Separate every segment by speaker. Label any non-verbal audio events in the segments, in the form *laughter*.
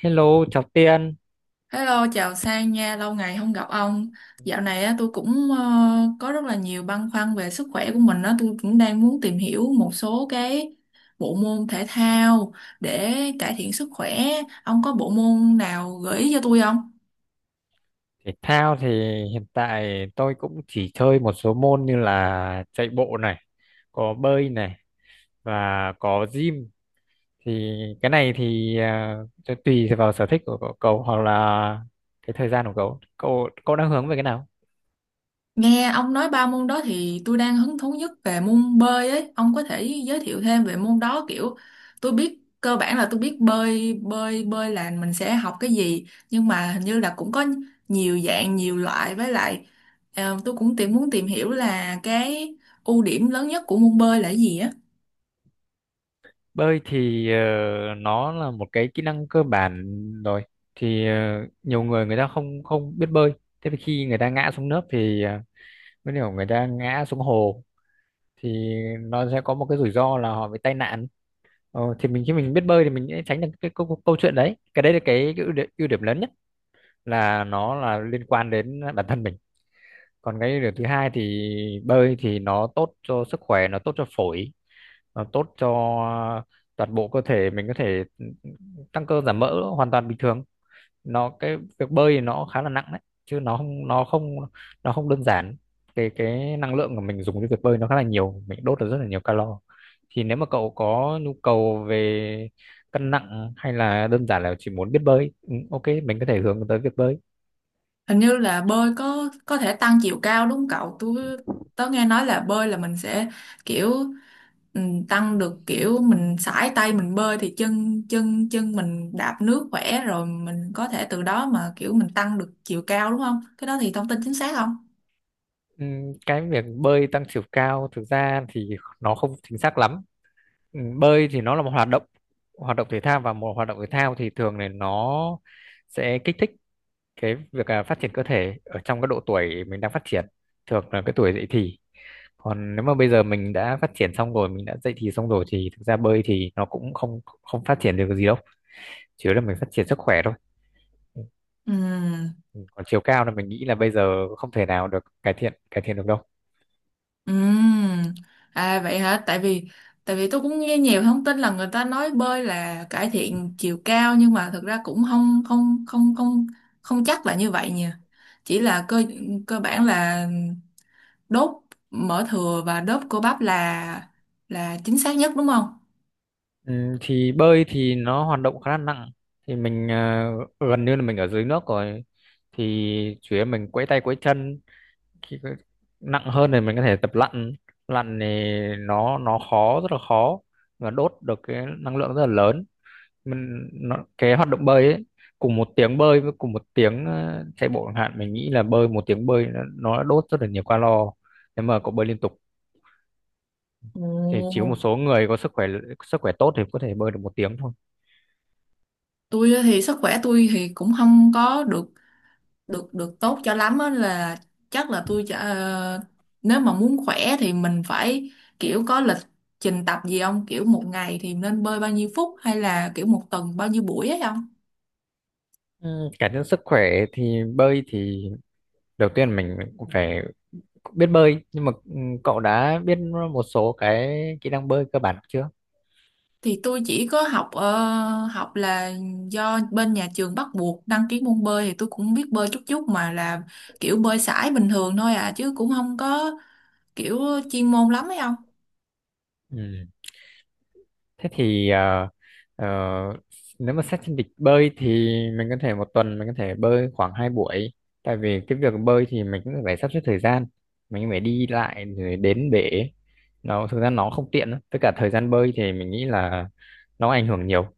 Speaker 1: Hello, chào Tiên.
Speaker 2: Hello, chào Sang nha, lâu ngày không gặp ông. Dạo này á, tôi cũng có rất là nhiều băn khoăn về sức khỏe của mình á, tôi cũng đang muốn tìm hiểu một số cái bộ môn thể thao để cải thiện sức khỏe. Ông có bộ môn nào gợi ý cho tôi không?
Speaker 1: Thể thao thì hiện tại tôi cũng chỉ chơi một số môn như là chạy bộ này, có bơi này và có gym. Thì cái này thì cho tùy vào sở thích của cậu cậu hoặc là cái thời gian của cậu. Cậu đang hướng về cái nào?
Speaker 2: Nghe ông nói ba môn đó thì tôi đang hứng thú nhất về môn bơi ấy. Ông có thể giới thiệu thêm về môn đó, kiểu tôi biết cơ bản là tôi biết bơi bơi bơi là mình sẽ học cái gì, nhưng mà hình như là cũng có nhiều dạng nhiều loại với lại. Tôi cũng muốn tìm hiểu là cái ưu điểm lớn nhất của môn bơi là cái gì á.
Speaker 1: Bơi thì nó là một cái kỹ năng cơ bản rồi. Thì nhiều người người ta không không biết bơi. Thế thì khi người ta ngã xuống nước thì mới hiểu người ta ngã xuống hồ thì nó sẽ có một cái rủi ro là họ bị tai nạn, thì mình khi mình biết bơi thì mình sẽ tránh được cái câu chuyện đấy. Cái đấy là cái ưu điểm lớn nhất, là nó là liên quan đến bản thân mình. Còn cái điều thứ hai thì bơi thì nó tốt cho sức khỏe, nó tốt cho phổi, nó tốt cho toàn bộ cơ thể mình, có thể tăng cơ giảm mỡ hoàn toàn bình thường. Nó, cái việc bơi thì nó khá là nặng đấy, chứ nó không đơn giản. Cái năng lượng của mình dùng cái việc bơi nó khá là nhiều, mình đốt được rất là nhiều calo. Thì nếu mà cậu có nhu cầu về cân nặng hay là đơn giản là chỉ muốn biết bơi, ok, mình có thể hướng tới việc bơi.
Speaker 2: Hình như là bơi có thể tăng chiều cao đúng không cậu? Tớ nghe nói là bơi là mình sẽ kiểu ừ, tăng được, kiểu mình sải tay mình bơi thì chân chân chân mình đạp nước khỏe, rồi mình có thể từ đó mà kiểu mình tăng được chiều cao đúng không? Cái đó thì thông tin chính xác không?
Speaker 1: Ừ, cái việc bơi tăng chiều cao thực ra thì nó không chính xác lắm. Ừ, bơi thì nó là một hoạt động thể thao, và một hoạt động thể thao thì thường này nó sẽ kích thích cái việc phát triển cơ thể ở trong cái độ tuổi mình đang phát triển, thường là cái tuổi dậy thì. Còn nếu mà bây giờ mình đã phát triển xong rồi, mình đã dậy thì xong rồi, thì thực ra bơi thì nó cũng không không phát triển được cái gì đâu, chủ yếu là mình phát triển sức khỏe thôi. Ừ,
Speaker 2: Ừ.
Speaker 1: ừ. Còn chiều cao là mình nghĩ là bây giờ không thể nào được cải thiện được đâu.
Speaker 2: Ừm, À vậy hả? Tại vì tôi cũng nghe nhiều thông tin là người ta nói bơi là cải thiện chiều cao, nhưng mà thực ra cũng không không không không không chắc là như vậy nhỉ. Chỉ là cơ cơ bản là đốt mỡ thừa và đốt cơ bắp là chính xác nhất đúng không?
Speaker 1: Thì bơi thì nó hoạt động khá là nặng, thì mình gần như là mình ở dưới nước rồi, thì chủ yếu mình quẫy tay quẫy chân. khi có- Nặng hơn thì mình có thể tập lặn. Lặn thì nó khó, rất là khó, và đốt được cái năng lượng rất là lớn. Cái hoạt động bơi ấy, cùng một tiếng bơi với cùng một tiếng chạy bộ chẳng hạn, mình nghĩ là bơi, một tiếng bơi nó đã đốt rất là nhiều calo nếu mà cậu bơi liên tục. Thì chỉ có
Speaker 2: Ồ.
Speaker 1: một số người có sức khỏe tốt thì có thể bơi được một tiếng thôi.
Speaker 2: Tôi thì sức khỏe tôi thì cũng không có được được được tốt cho lắm á, là chắc là tôi nếu mà muốn khỏe thì mình phải kiểu có lịch trình tập gì không, kiểu một ngày thì nên bơi bao nhiêu phút hay là kiểu một tuần bao nhiêu buổi ấy không?
Speaker 1: Ừ, cải thiện sức khỏe thì bơi thì đầu tiên mình cũng phải biết bơi, nhưng mà cậu đã biết một số cái kỹ năng bơi cơ bản chưa?
Speaker 2: Thì tôi chỉ có học là do bên nhà trường bắt buộc đăng ký môn bơi thì tôi cũng biết bơi chút chút, mà là kiểu bơi sải bình thường thôi à, chứ cũng không có kiểu chuyên môn lắm ấy không?
Speaker 1: Ừ. Thế thì ờ, nếu mà xét trên lịch bơi thì mình có thể một tuần mình có thể bơi khoảng hai buổi, tại vì cái việc bơi thì mình cũng phải sắp xếp thời gian, mình phải đi lại rồi đến bể, nó thực ra nó không tiện lắm. Với cả thời gian bơi thì mình nghĩ là nó ảnh hưởng nhiều.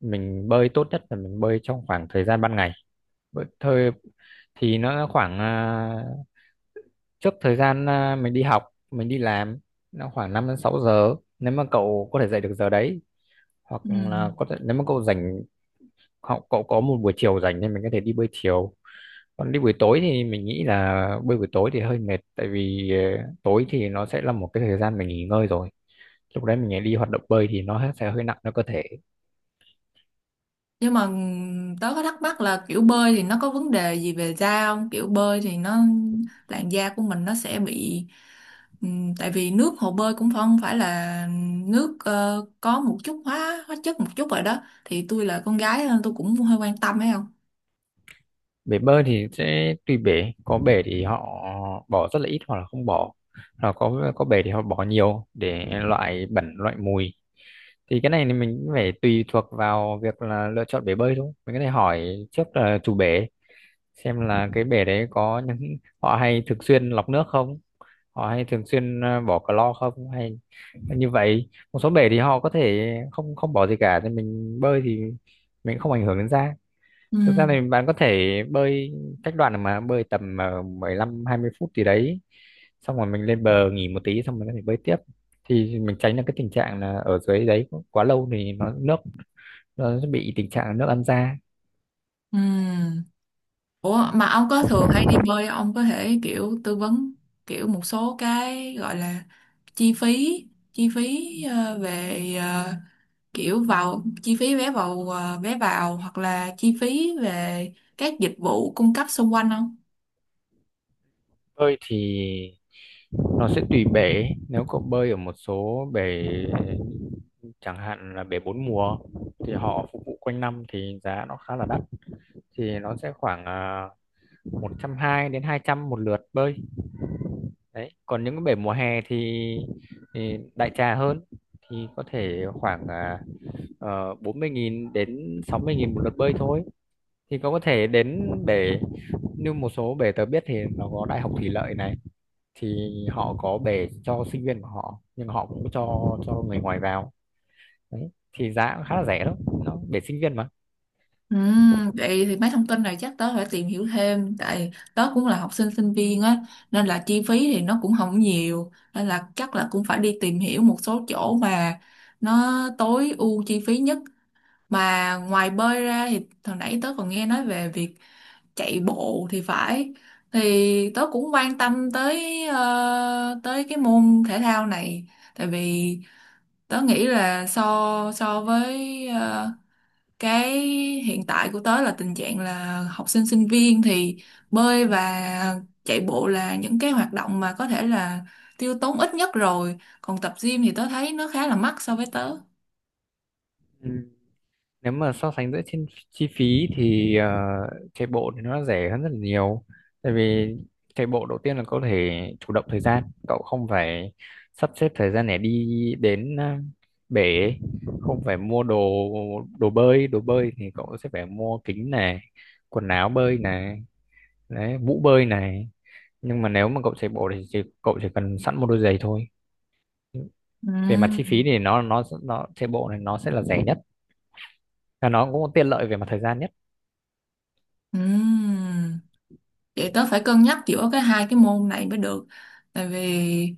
Speaker 1: Mình bơi tốt nhất là mình bơi trong khoảng thời gian ban ngày. Bởi- thời Thì nó khoảng trước thời gian mình đi học, mình đi làm, nó khoảng 5 đến 6 giờ, nếu mà cậu có thể dậy được giờ đấy. Hoặc
Speaker 2: Ừ.
Speaker 1: là có thể nếu mà cậu rảnh, cậu có một buổi chiều rảnh, thì mình có thể đi bơi chiều. Còn đi buổi tối thì mình nghĩ là bơi buổi tối thì hơi mệt, tại vì tối thì nó sẽ là một cái thời gian mình nghỉ ngơi rồi, lúc đấy mình lại đi hoạt động bơi thì nó sẽ hơi nặng cho cơ thể.
Speaker 2: Nhưng mà tớ có thắc mắc là kiểu bơi thì nó có vấn đề gì về da không, kiểu bơi thì nó làn da của mình nó sẽ bị, tại vì nước hồ bơi cũng không phải là nước, có một chút hóa hóa chất một chút rồi đó, thì tôi là con gái nên tôi cũng hơi quan tâm ấy không?
Speaker 1: Bể bơi thì sẽ tùy bể, có bể thì họ bỏ rất là ít hoặc là không bỏ, hoặc có bể thì họ bỏ nhiều để loại bẩn loại mùi. Thì cái này thì mình cũng phải tùy thuộc vào việc là lựa chọn bể bơi thôi. Mình có thể hỏi trước là chủ bể, xem là cái bể đấy có những họ hay thường xuyên lọc nước không, họ hay thường xuyên bỏ clo không, hay như vậy. Một số bể thì họ có thể không không bỏ gì cả, thì mình bơi thì mình không ảnh hưởng đến da.
Speaker 2: Ừ.
Speaker 1: Thực ra thì bạn có thể bơi cách đoạn, mà bơi tầm 15 20 phút gì đấy, xong rồi mình lên bờ nghỉ một tí xong mình có thể bơi tiếp. Thì mình tránh được cái tình trạng là ở dưới đấy quá lâu thì nó nước, nó sẽ bị tình trạng là nước ăn da.
Speaker 2: Ừ. Ủa mà ông có thường hay đi bơi không? Ông có thể kiểu tư vấn kiểu một số cái gọi là chi phí, chi phí về kiểu vào chi phí vé vào hoặc là chi phí về các dịch vụ cung cấp xung quanh không?
Speaker 1: Bơi thì nó sẽ tùy bể. Nếu cậu bơi ở một số bể chẳng hạn là bể bốn mùa thì họ phục vụ quanh năm thì giá nó khá là đắt. Thì nó sẽ khoảng uh, 120 đến 200 một lượt bơi. Đấy, còn những cái bể mùa hè thì đại trà hơn, thì có thể khoảng 40.000 đến 60.000 một lượt bơi thôi. Thì cậu có thể đến bể, như một số bể tớ biết thì nó có Đại học Thủy lợi này, thì họ có bể cho sinh viên của họ nhưng họ cũng cho người ngoài vào đấy, thì giá cũng khá là rẻ đó, nó để sinh viên mà.
Speaker 2: Ừ, vậy thì mấy thông tin này chắc tớ phải tìm hiểu thêm, tại tớ cũng là học sinh sinh viên á, nên là chi phí thì nó cũng không nhiều, nên là chắc là cũng phải đi tìm hiểu một số chỗ mà nó tối ưu chi phí nhất. Mà ngoài bơi ra thì hồi nãy tớ còn nghe nói về việc chạy bộ thì phải, thì tớ cũng quan tâm tới, tới cái môn thể thao này, tại vì tớ nghĩ là so so với, cái hiện tại của tớ là tình trạng là học sinh sinh viên thì bơi và chạy bộ là những cái hoạt động mà có thể là tiêu tốn ít nhất, rồi còn tập gym thì tớ thấy nó khá là mắc so với tớ.
Speaker 1: Ừ. Nếu mà so sánh giữa trên chi phí thì chạy bộ thì nó rẻ hơn rất là nhiều. Tại vì chạy bộ đầu tiên là có thể chủ động thời gian, cậu không phải sắp xếp thời gian để đi đến bể, không phải mua đồ. Đồ bơi, đồ bơi thì cậu sẽ phải mua kính này, quần áo bơi này, đấy, mũ bơi này. Nhưng mà nếu mà cậu chạy bộ thì chỉ, cậu chỉ cần sẵn một đôi giày thôi. Về mặt
Speaker 2: Ừm,
Speaker 1: chi phí thì nó chạy bộ này nó sẽ là rẻ nhất, và nó cũng tiện lợi về mặt thời gian nhất.
Speaker 2: ừm. Vậy tớ phải cân nhắc giữa cái hai cái môn này mới được, tại vì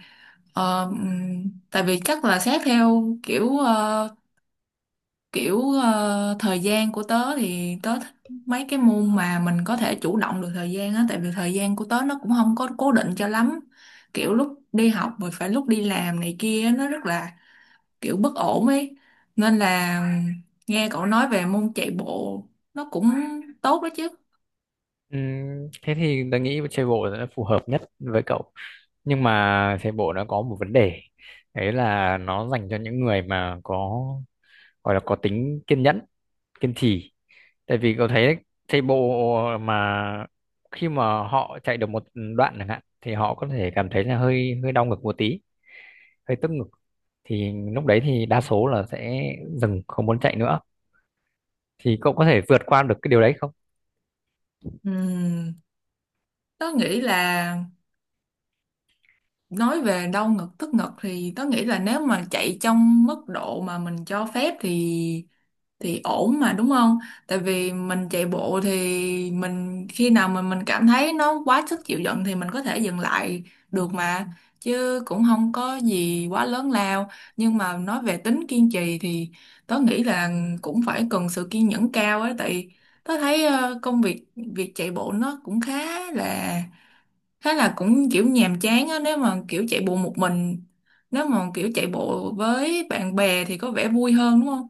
Speaker 2: Tại vì chắc là xét theo kiểu thời gian của tớ thì tớ thích mấy cái môn mà mình có thể chủ động được thời gian á, tại vì thời gian của tớ nó cũng không có cố định cho lắm, kiểu lúc đi học rồi phải lúc đi làm này kia á, nó rất là kiểu bất ổn ấy, nên là nghe cậu nói về môn chạy bộ nó cũng tốt đó chứ.
Speaker 1: Thế thì tôi nghĩ chạy bộ là phù hợp nhất với cậu. Nhưng mà chạy bộ nó có một vấn đề, đấy là nó dành cho những người mà có, gọi là có tính kiên nhẫn, kiên trì. Tại vì cậu thấy đấy, chạy bộ mà khi mà họ chạy được một đoạn chẳng hạn thì họ có thể cảm thấy là hơi hơi đau ngực một tí, hơi tức ngực, thì lúc đấy thì đa số là sẽ dừng, không muốn chạy nữa. Thì cậu có thể vượt qua được cái điều đấy không?
Speaker 2: Ừm, Tớ nghĩ là nói về đau ngực tức ngực thì tớ nghĩ là nếu mà chạy trong mức độ mà mình cho phép thì ổn mà đúng không? Tại vì mình chạy bộ thì mình khi nào mà mình cảm thấy nó quá sức chịu đựng thì mình có thể dừng lại được mà, chứ cũng không có gì quá lớn lao. Nhưng mà nói về tính kiên trì thì tớ nghĩ là cũng phải cần sự kiên nhẫn cao ấy, tại tớ thấy công việc việc chạy bộ nó cũng khá là thế là cũng kiểu nhàm chán á, nếu mà kiểu chạy bộ một mình. Nếu mà kiểu chạy bộ với bạn bè thì có vẻ vui hơn đúng không?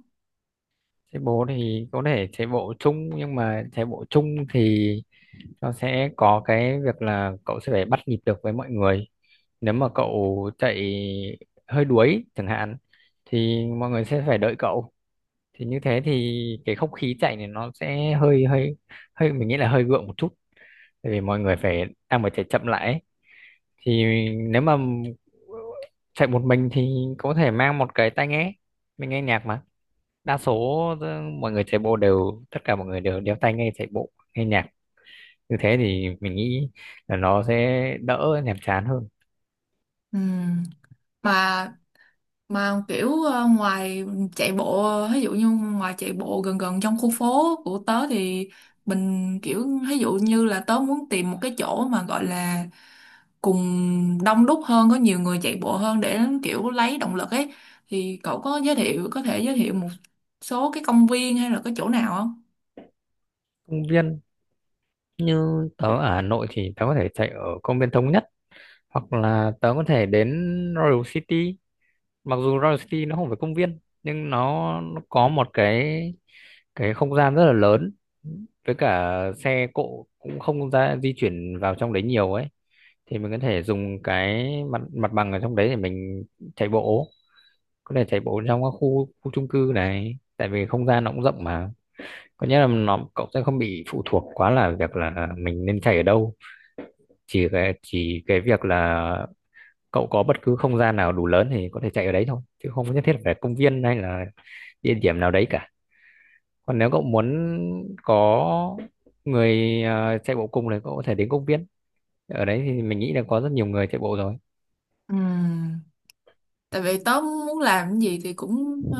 Speaker 1: Chạy bộ thì có thể chạy bộ chung, nhưng mà chạy bộ chung thì nó sẽ có cái việc là cậu sẽ phải bắt nhịp được với mọi người. Nếu mà cậu chạy hơi đuối chẳng hạn thì mọi người sẽ phải đợi cậu. Thì như thế thì cái không khí chạy này nó sẽ hơi hơi hơi mình nghĩ là hơi gượng một chút, tại vì mọi người phải đang phải chạy chậm lại ấy. Thì nếu mà chạy một mình thì có thể mang một cái tai nghe, mình nghe nhạc mà. Đa số mọi người chạy bộ đều, tất cả mọi người đều đeo tai nghe chạy bộ nghe nhạc, như thế thì mình nghĩ là nó sẽ đỡ nhàm chán hơn.
Speaker 2: Ừ. mà mà kiểu ngoài chạy bộ, ví dụ như ngoài chạy bộ gần gần trong khu phố của tớ thì mình kiểu ví dụ như là tớ muốn tìm một cái chỗ mà gọi là cùng đông đúc hơn, có nhiều người chạy bộ hơn để kiểu lấy động lực ấy, thì cậu có giới thiệu có thể giới thiệu một số cái công viên hay là cái chỗ nào không?
Speaker 1: Công viên, như tớ ở Hà Nội thì tớ có thể chạy ở công viên Thống Nhất, hoặc là tớ có thể đến Royal City. Mặc dù Royal City nó không phải công viên, nhưng nó có một cái không gian rất là lớn, với cả xe cộ cũng không ra di chuyển vào trong đấy nhiều ấy. Thì mình có thể dùng cái mặt mặt bằng ở trong đấy để mình chạy bộ. Có thể chạy bộ trong các khu khu chung cư này, tại vì không gian nó cũng rộng mà. Có nghĩa là nó, cậu sẽ không bị phụ thuộc quá là việc là mình nên chạy ở đâu. Chỉ cái việc là cậu có bất cứ không gian nào đủ lớn thì có thể chạy ở đấy thôi, chứ không nhất thiết phải công viên hay là địa điểm nào đấy cả. Còn nếu cậu muốn có người chạy bộ cùng thì cậu có thể đến công viên, ở đấy thì mình nghĩ là có rất nhiều người chạy bộ rồi.
Speaker 2: Ừ. Tại vì tớ muốn làm cái gì thì cũng,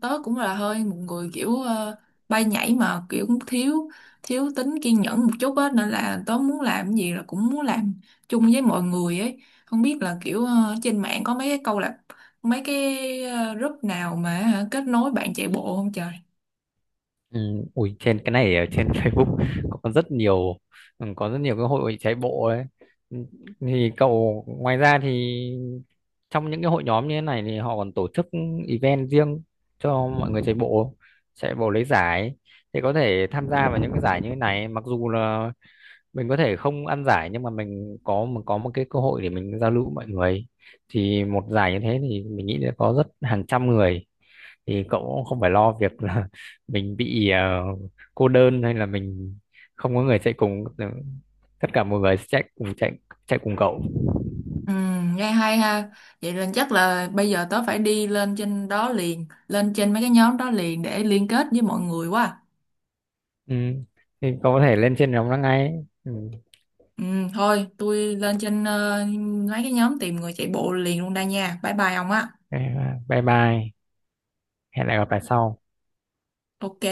Speaker 2: tớ cũng là hơi một người kiểu bay nhảy, mà kiểu cũng thiếu thiếu tính kiên nhẫn một chút á, nên là tớ muốn làm cái gì là cũng muốn làm chung với mọi người ấy, không biết là kiểu trên mạng có mấy cái câu lạc mấy cái ờ, group nào mà hả, kết nối bạn chạy bộ không trời?
Speaker 1: Ừ, ui trên cái này ở trên *laughs* Facebook có rất nhiều, ừ, có rất nhiều cái hội chạy bộ đấy. Ừ, thì cậu ngoài ra thì trong những cái hội nhóm như thế này thì họ còn tổ chức event riêng cho mọi người chạy bộ, chạy bộ lấy giải. Thì có thể tham gia vào những cái giải như thế này, mặc dù là mình có thể không ăn giải nhưng mà mình có, mình có một cái cơ hội để mình giao lưu với mọi người. Thì một giải như thế thì mình nghĩ là có rất, hàng trăm người. Thì cậu cũng không phải lo việc là *laughs* mình bị cô đơn hay là mình không có người chạy cùng, tất cả mọi người sẽ chạy cùng, chạy chạy cùng cậu.
Speaker 2: Ừ, nghe hay ha. Vậy nên chắc là bây giờ tớ phải đi lên trên đó liền, lên trên mấy cái nhóm đó liền để liên kết với mọi người quá.
Speaker 1: Ừ. Thì cậu có thể lên trên nhóm đó ngay. Ừ.
Speaker 2: Ừ, thôi tôi lên trên mấy cái nhóm tìm người chạy bộ liền luôn đây nha. Bye bye ông á.
Speaker 1: Ok, bye bye, hẹn lại gặp lại sau.
Speaker 2: Ok.